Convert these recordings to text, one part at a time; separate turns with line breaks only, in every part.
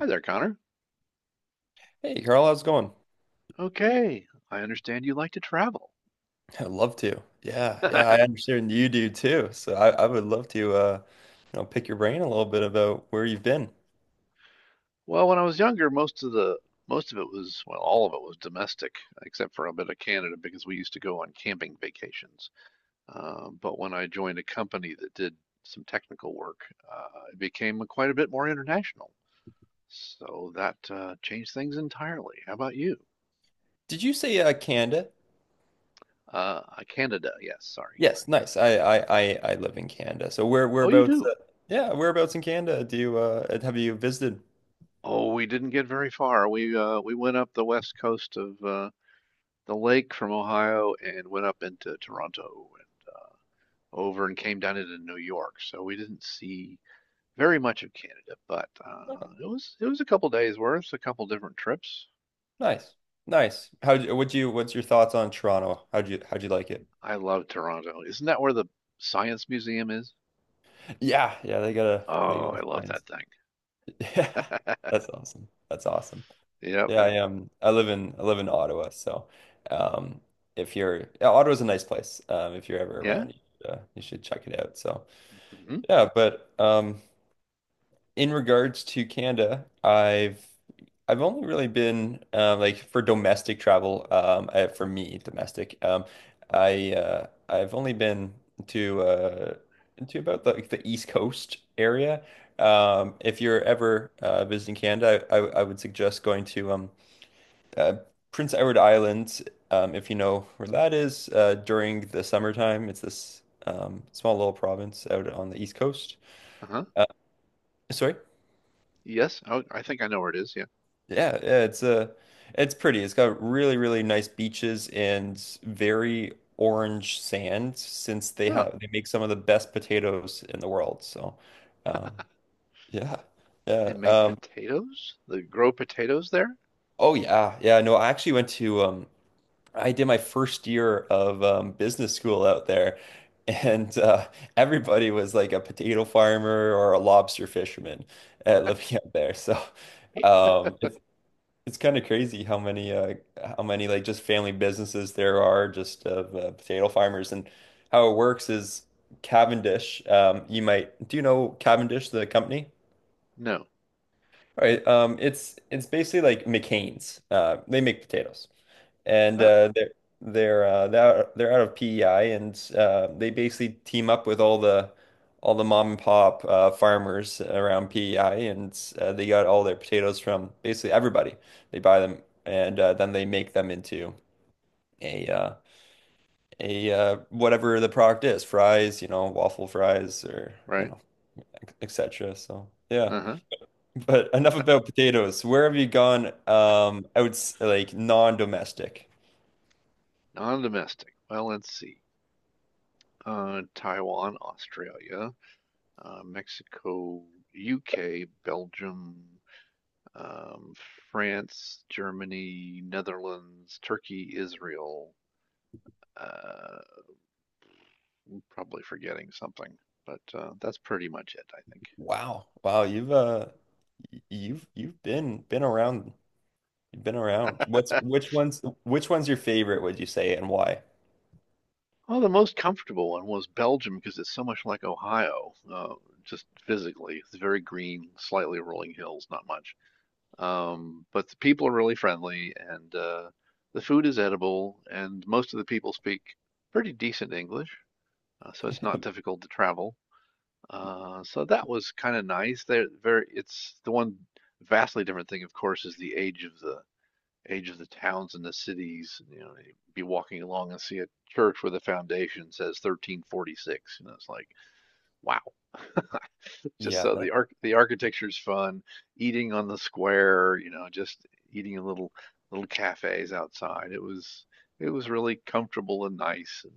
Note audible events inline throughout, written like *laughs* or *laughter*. Hi there, Connor.
Hey Carl, how's it going?
Okay, I understand you like to travel.
I'd love to. Yeah, yeah, I
*laughs*
understand you do too. So I would love to you know pick your brain a little bit about where you've been.
Well, when I was younger, most of it was, well, all of it was domestic, except for a bit of Canada because we used to go on camping vacations. But when I joined a company that did some technical work, it became quite a bit more international. So that changed things entirely. How about you?
Did you say Canada?
Uh, Canada, yes, sorry.
Yes, nice. I live in Canada. So where
Oh, you
whereabouts
do.
yeah, whereabouts in Canada do you have you visited?
Oh, we didn't get very far. We went up the west coast of the lake from Ohio and went up into Toronto and over and came down into New York. So we didn't see very much of Canada, but
Oh,
it was a couple days worth, a couple different trips.
nice. Nice. How would you What's your thoughts on Toronto? How'd you like it?
I love Toronto. Isn't that where the Science Museum is?
Yeah, yeah, they
Oh, I love
got a
that
*laughs* Yeah.
thing.
That's awesome. That's awesome.
*laughs* Yep.
Yeah, I am. I live in Ottawa, so um, if you're yeah, Ottawa's a nice place. If you're ever
Yeah.
around, you should check it out. So
hmm
yeah, but in regards to Canada, I've only really been like for domestic travel. For me, domestic. I've only been to uh, to about like the East Coast area. If you're ever visiting Canada, I would suggest going to uh, Prince Edward Island, if you know where that is, during the summertime, it's this small little province out on the east coast.
Uh-huh.
Sorry,
Yes, oh, I think I know where it is. Yeah.
yeah, yeah, it's pretty. It's got really, really nice beaches and very orange sand since
Huh.
they make some of the best potatoes in the world. So, um, yeah,
They
yeah.
make potatoes? They grow potatoes there?
Oh yeah, yeah. No, I actually went to I did my first year of business school out there, and everybody was like a potato farmer or a lobster fisherman living *laughs* out there. So um, it's it's kind of crazy how many like just family businesses there are just of potato farmers. And how it works is Cavendish. You might do you know Cavendish, the company?
No.
All right. It's basically like McCain's. They make potatoes and
Ah,
they're they're out of PEI, and they basically team up with all the mom and pop farmers around PEI, and they got all their potatoes from basically everybody. They buy them, and then they make them into a uh, a whatever the product is, fries, you know, waffle fries, or you
right.
know, etc. So. Yeah,
Uh-huh.
but enough about potatoes. Where have you gone, outs like non-domestic?
Non-domestic. Well, let's see. Taiwan, Australia, Mexico, UK, Belgium, um, France, Germany, Netherlands, Turkey, Israel. Uh, I'm probably forgetting something, but that's pretty much it,
Wow. You've been around
I
What's
think. *laughs*
which one's your favorite, would you say, and why?
Oh, the most comfortable one was Belgium because it's so much like Ohio, just physically. It's very green, slightly rolling hills, not much. But the people are really friendly, and the food is edible, and most of the people speak pretty decent English, so it's not difficult to travel. So that was kind of nice. They're very, it's the one vastly different thing, of course, is the age of the towns and the cities. You know, you'd be walking along and see a church where the foundation says 1346, and it's like, wow. Just
Yeah,
so the
that
arch the architecture's fun, eating on the square, you know, just eating in little cafes outside. It was really comfortable and nice. And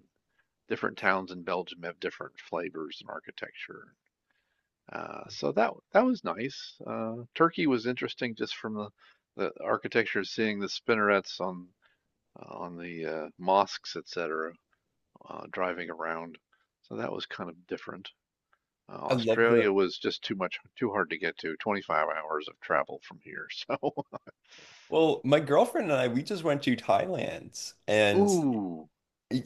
different towns in Belgium have different flavors and architecture. So that that was nice. Turkey was interesting just from the architecture, seeing the spinnerets on the mosques, etc., driving around. So that was kind of different.
I love
Australia
the
was just too much, too hard to get to. 25 hours of travel from here. So,
well, my girlfriend and I, we just went to Thailand
*laughs*
and
ooh,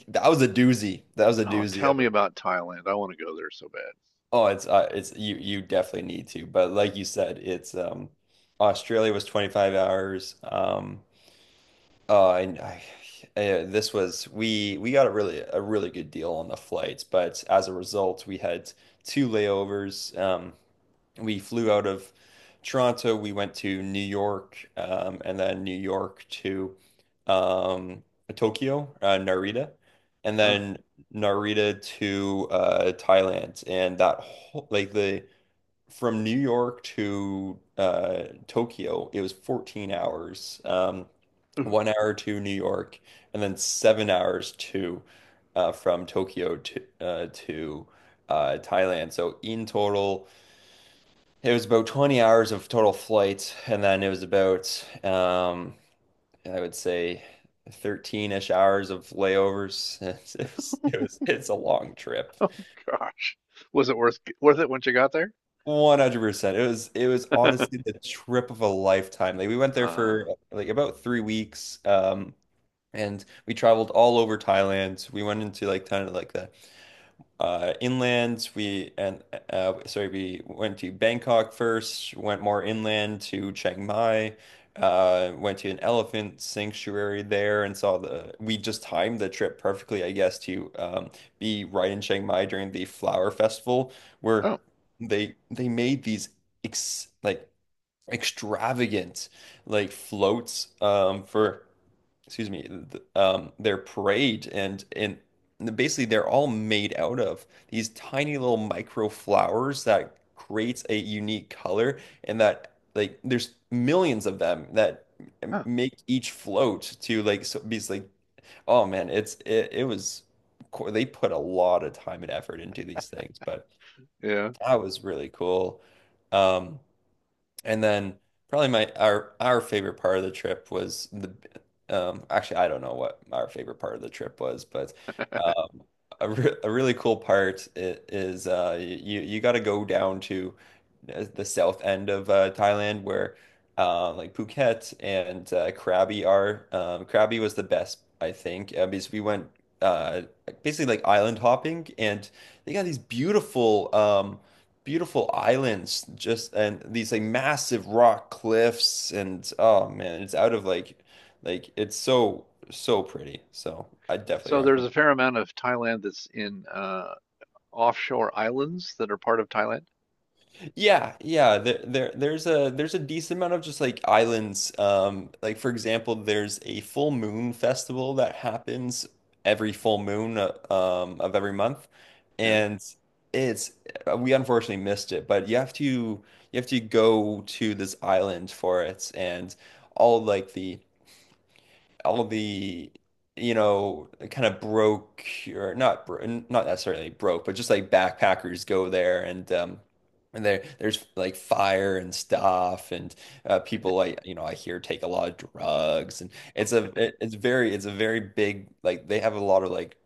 that was a doozy. That was a
oh,
doozy
tell
of
me
it.
about Thailand. I want to go there so bad.
Oh, it's you you definitely need to. But like you said, it's Australia was 25 hours. And I This was we got a really good deal on the flights, but as a result, we had two layovers. We flew out of Toronto, we went to New York, and then New York to um, Tokyo, Narita, and then Narita to Thailand. And that whole, from New York to Tokyo, it was 14 hours.
Huh.
1 hour to New York, and then 7 hours to from Tokyo to Thailand. So in total, it was about 20 hours of total flight, and then it was about I would say 13-ish hours of layovers. *laughs* It was it's a long trip.
*laughs* Oh gosh, was it worth it once you got there?
100%. It was honestly
*laughs*
the trip of a lifetime. Like we went there for
Uh,
like about 3 weeks and we traveled all over Thailand. We went into like kind of like the inland we and sorry we went to Bangkok first, went more inland to Chiang Mai, went to an elephant sanctuary there, and saw the, we just timed the trip perfectly I guess to be right in Chiang Mai during the flower festival where
oh,
they made these ex like extravagant like floats for excuse me, th their parade, and basically they're all made out of these tiny little micro flowers that creates a unique color, and that like there's millions of them that
huh,
make each float to like so be like oh man it's it was they put a lot of time and effort into these things, but
yeah.
that was really cool um and then probably my our favorite part of the trip was the actually I don't know what our favorite part of the trip was, but
*laughs*
um a, re a really cool part is you you got to go down to the south end of Thailand where like Phuket and Krabi are. Krabi was the best I think because we went uh basically like island hopping, and they got these beautiful beautiful islands just, and these like massive rock cliffs, and oh man it's out of like it's so so pretty, so I definitely
So there's
recommend.
a fair amount of Thailand that's in offshore islands that are part of Thailand.
Yeah, yeah. There's a decent amount of just like islands. Like for example, there's a full moon festival that happens every full moon of every month,
Yeah,
and it's we unfortunately missed it. But you have to go to this island for it, and all like the all the you know kind of broke or not bro not necessarily broke but just like backpackers go there, and there there's like fire and stuff, and people like you know I hear take a lot of drugs, and it's very it's a very big, like they have a lot of like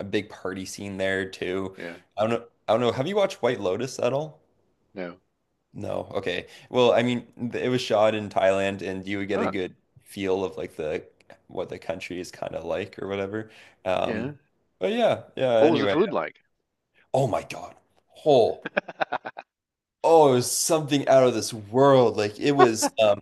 a big party scene there too.
yeah,
I don't know have you watched White Lotus at all?
no,
No. Okay. Well, I mean, it was shot in Thailand, and you would get a
huh,
good feel of like the what the country is kind of like or whatever. Um,
yeah.
but yeah, yeah.
What was the
Anyway,
food like?
oh my God. Oh,
*laughs*
oh, it was something out of this world. Like it was. um,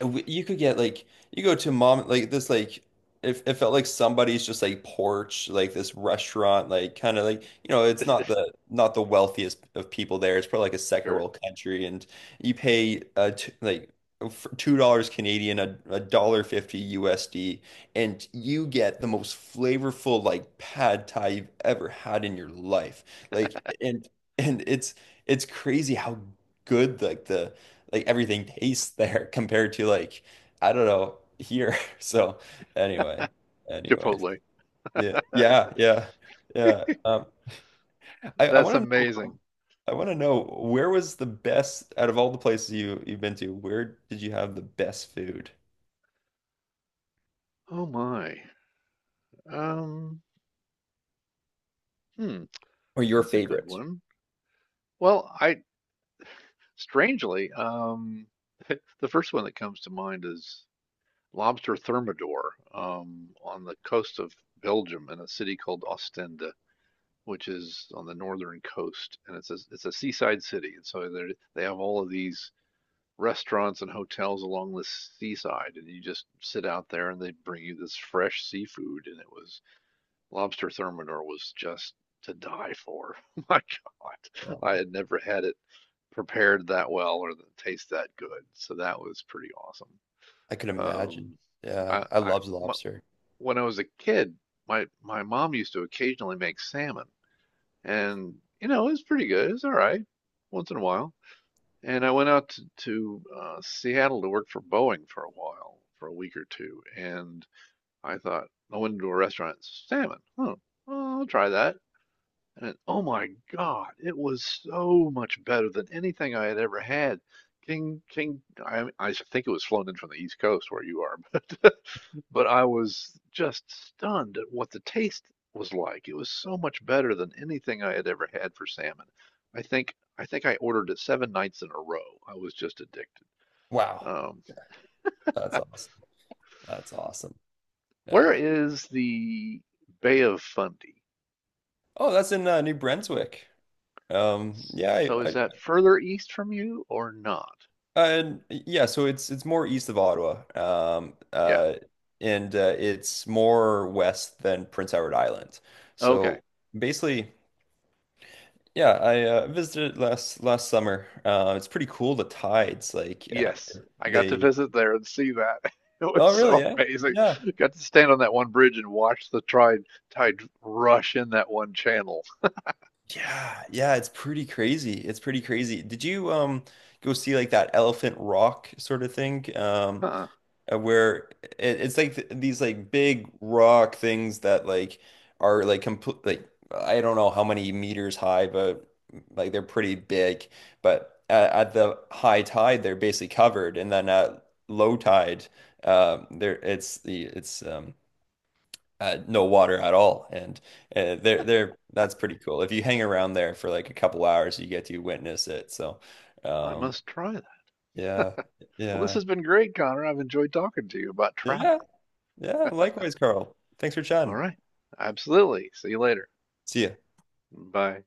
w- You could get like you go to mom like this like it felt like somebody's just like porch like this restaurant like kind of like, you know, it's not the not the wealthiest of people there, it's probably like a second
Sure,
world country, and you pay $2 Canadian, a, a dollar fifty USD, and you get the most flavorful like pad thai you've ever had in your life, like and it's crazy how good like the like everything tastes there *laughs* compared to like I don't know here. *laughs* So anyway, anyways,
Chipotle.
yeah, yeah, yeah, yeah. I
That's
want to know
amazing.
I want to know where was the best out of all the places you you've been to? Where did you have the best food
Oh my. Um, hmm,
or your
that's a good
favorite?
one. Well, I strangely, the first one that comes to mind is lobster thermidor on the coast of Belgium in a city called Ostende, which is on the northern coast, and it's a seaside city, and so they have all of these restaurants and hotels along the seaside, and you just sit out there, and they bring you this fresh seafood, and it was lobster thermidor was just to die for. *laughs* My God, I
Oh,
had never had it prepared that well or the taste that good, so that was pretty awesome.
I could imagine.
Um,
Yeah,
I,
I
I
loved
my,
lobster.
when I was a kid, my mom used to occasionally make salmon, and you know, it was pretty good. It's all right once in a while. And I went out to, to Seattle to work for Boeing for a while, for a week or two, and I thought I went into a restaurant, salmon. Huh, well, I'll try that. And oh my God, it was so much better than anything I had ever had. King, King, I think it was flown in from the East Coast where you are, *laughs* but but I was just stunned at what the taste was like. It was so much better than anything I had ever had for salmon. I think I ordered it 7 nights in a row. I was just addicted.
Wow,
Um,
that's awesome. That's awesome.
where
Yeah.
is the Bay of Fundy?
Oh, that's in New Brunswick. Yeah,
So is
I,
that further east from you or not?
and yeah, so it's more east of Ottawa,
Yeah.
and it's more west than Prince Edward Island.
Okay.
So basically, yeah, I visited last last summer. It's pretty cool. The tides, like
Yes. I got to
they.
visit there and see that. *laughs* It was
Oh, really?
so
Yeah,
amazing.
yeah,
Got to stand on that one bridge and watch the tide rush in that one channel.
yeah, yeah. It's pretty crazy. It's pretty crazy. Did you go see like that Elephant Rock sort of thing?
Huh.
Where it's like th these like big rock things that like are like complete like I don't know how many meters high, but like they're pretty big. But at the high tide, they're basically covered, and then at low tide, there it's the it's no water at all, and they're that's pretty cool. If you hang around there for like a couple hours, you get to witness it. So,
I
um,
must try that.
yeah,
Well, this
yeah.
has been great, Connor. I've enjoyed talking to you about
Yeah,
travel.
yeah, likewise, Carl. Thanks for
All
chatting.
right. Absolutely. See you later.
See ya.
Bye.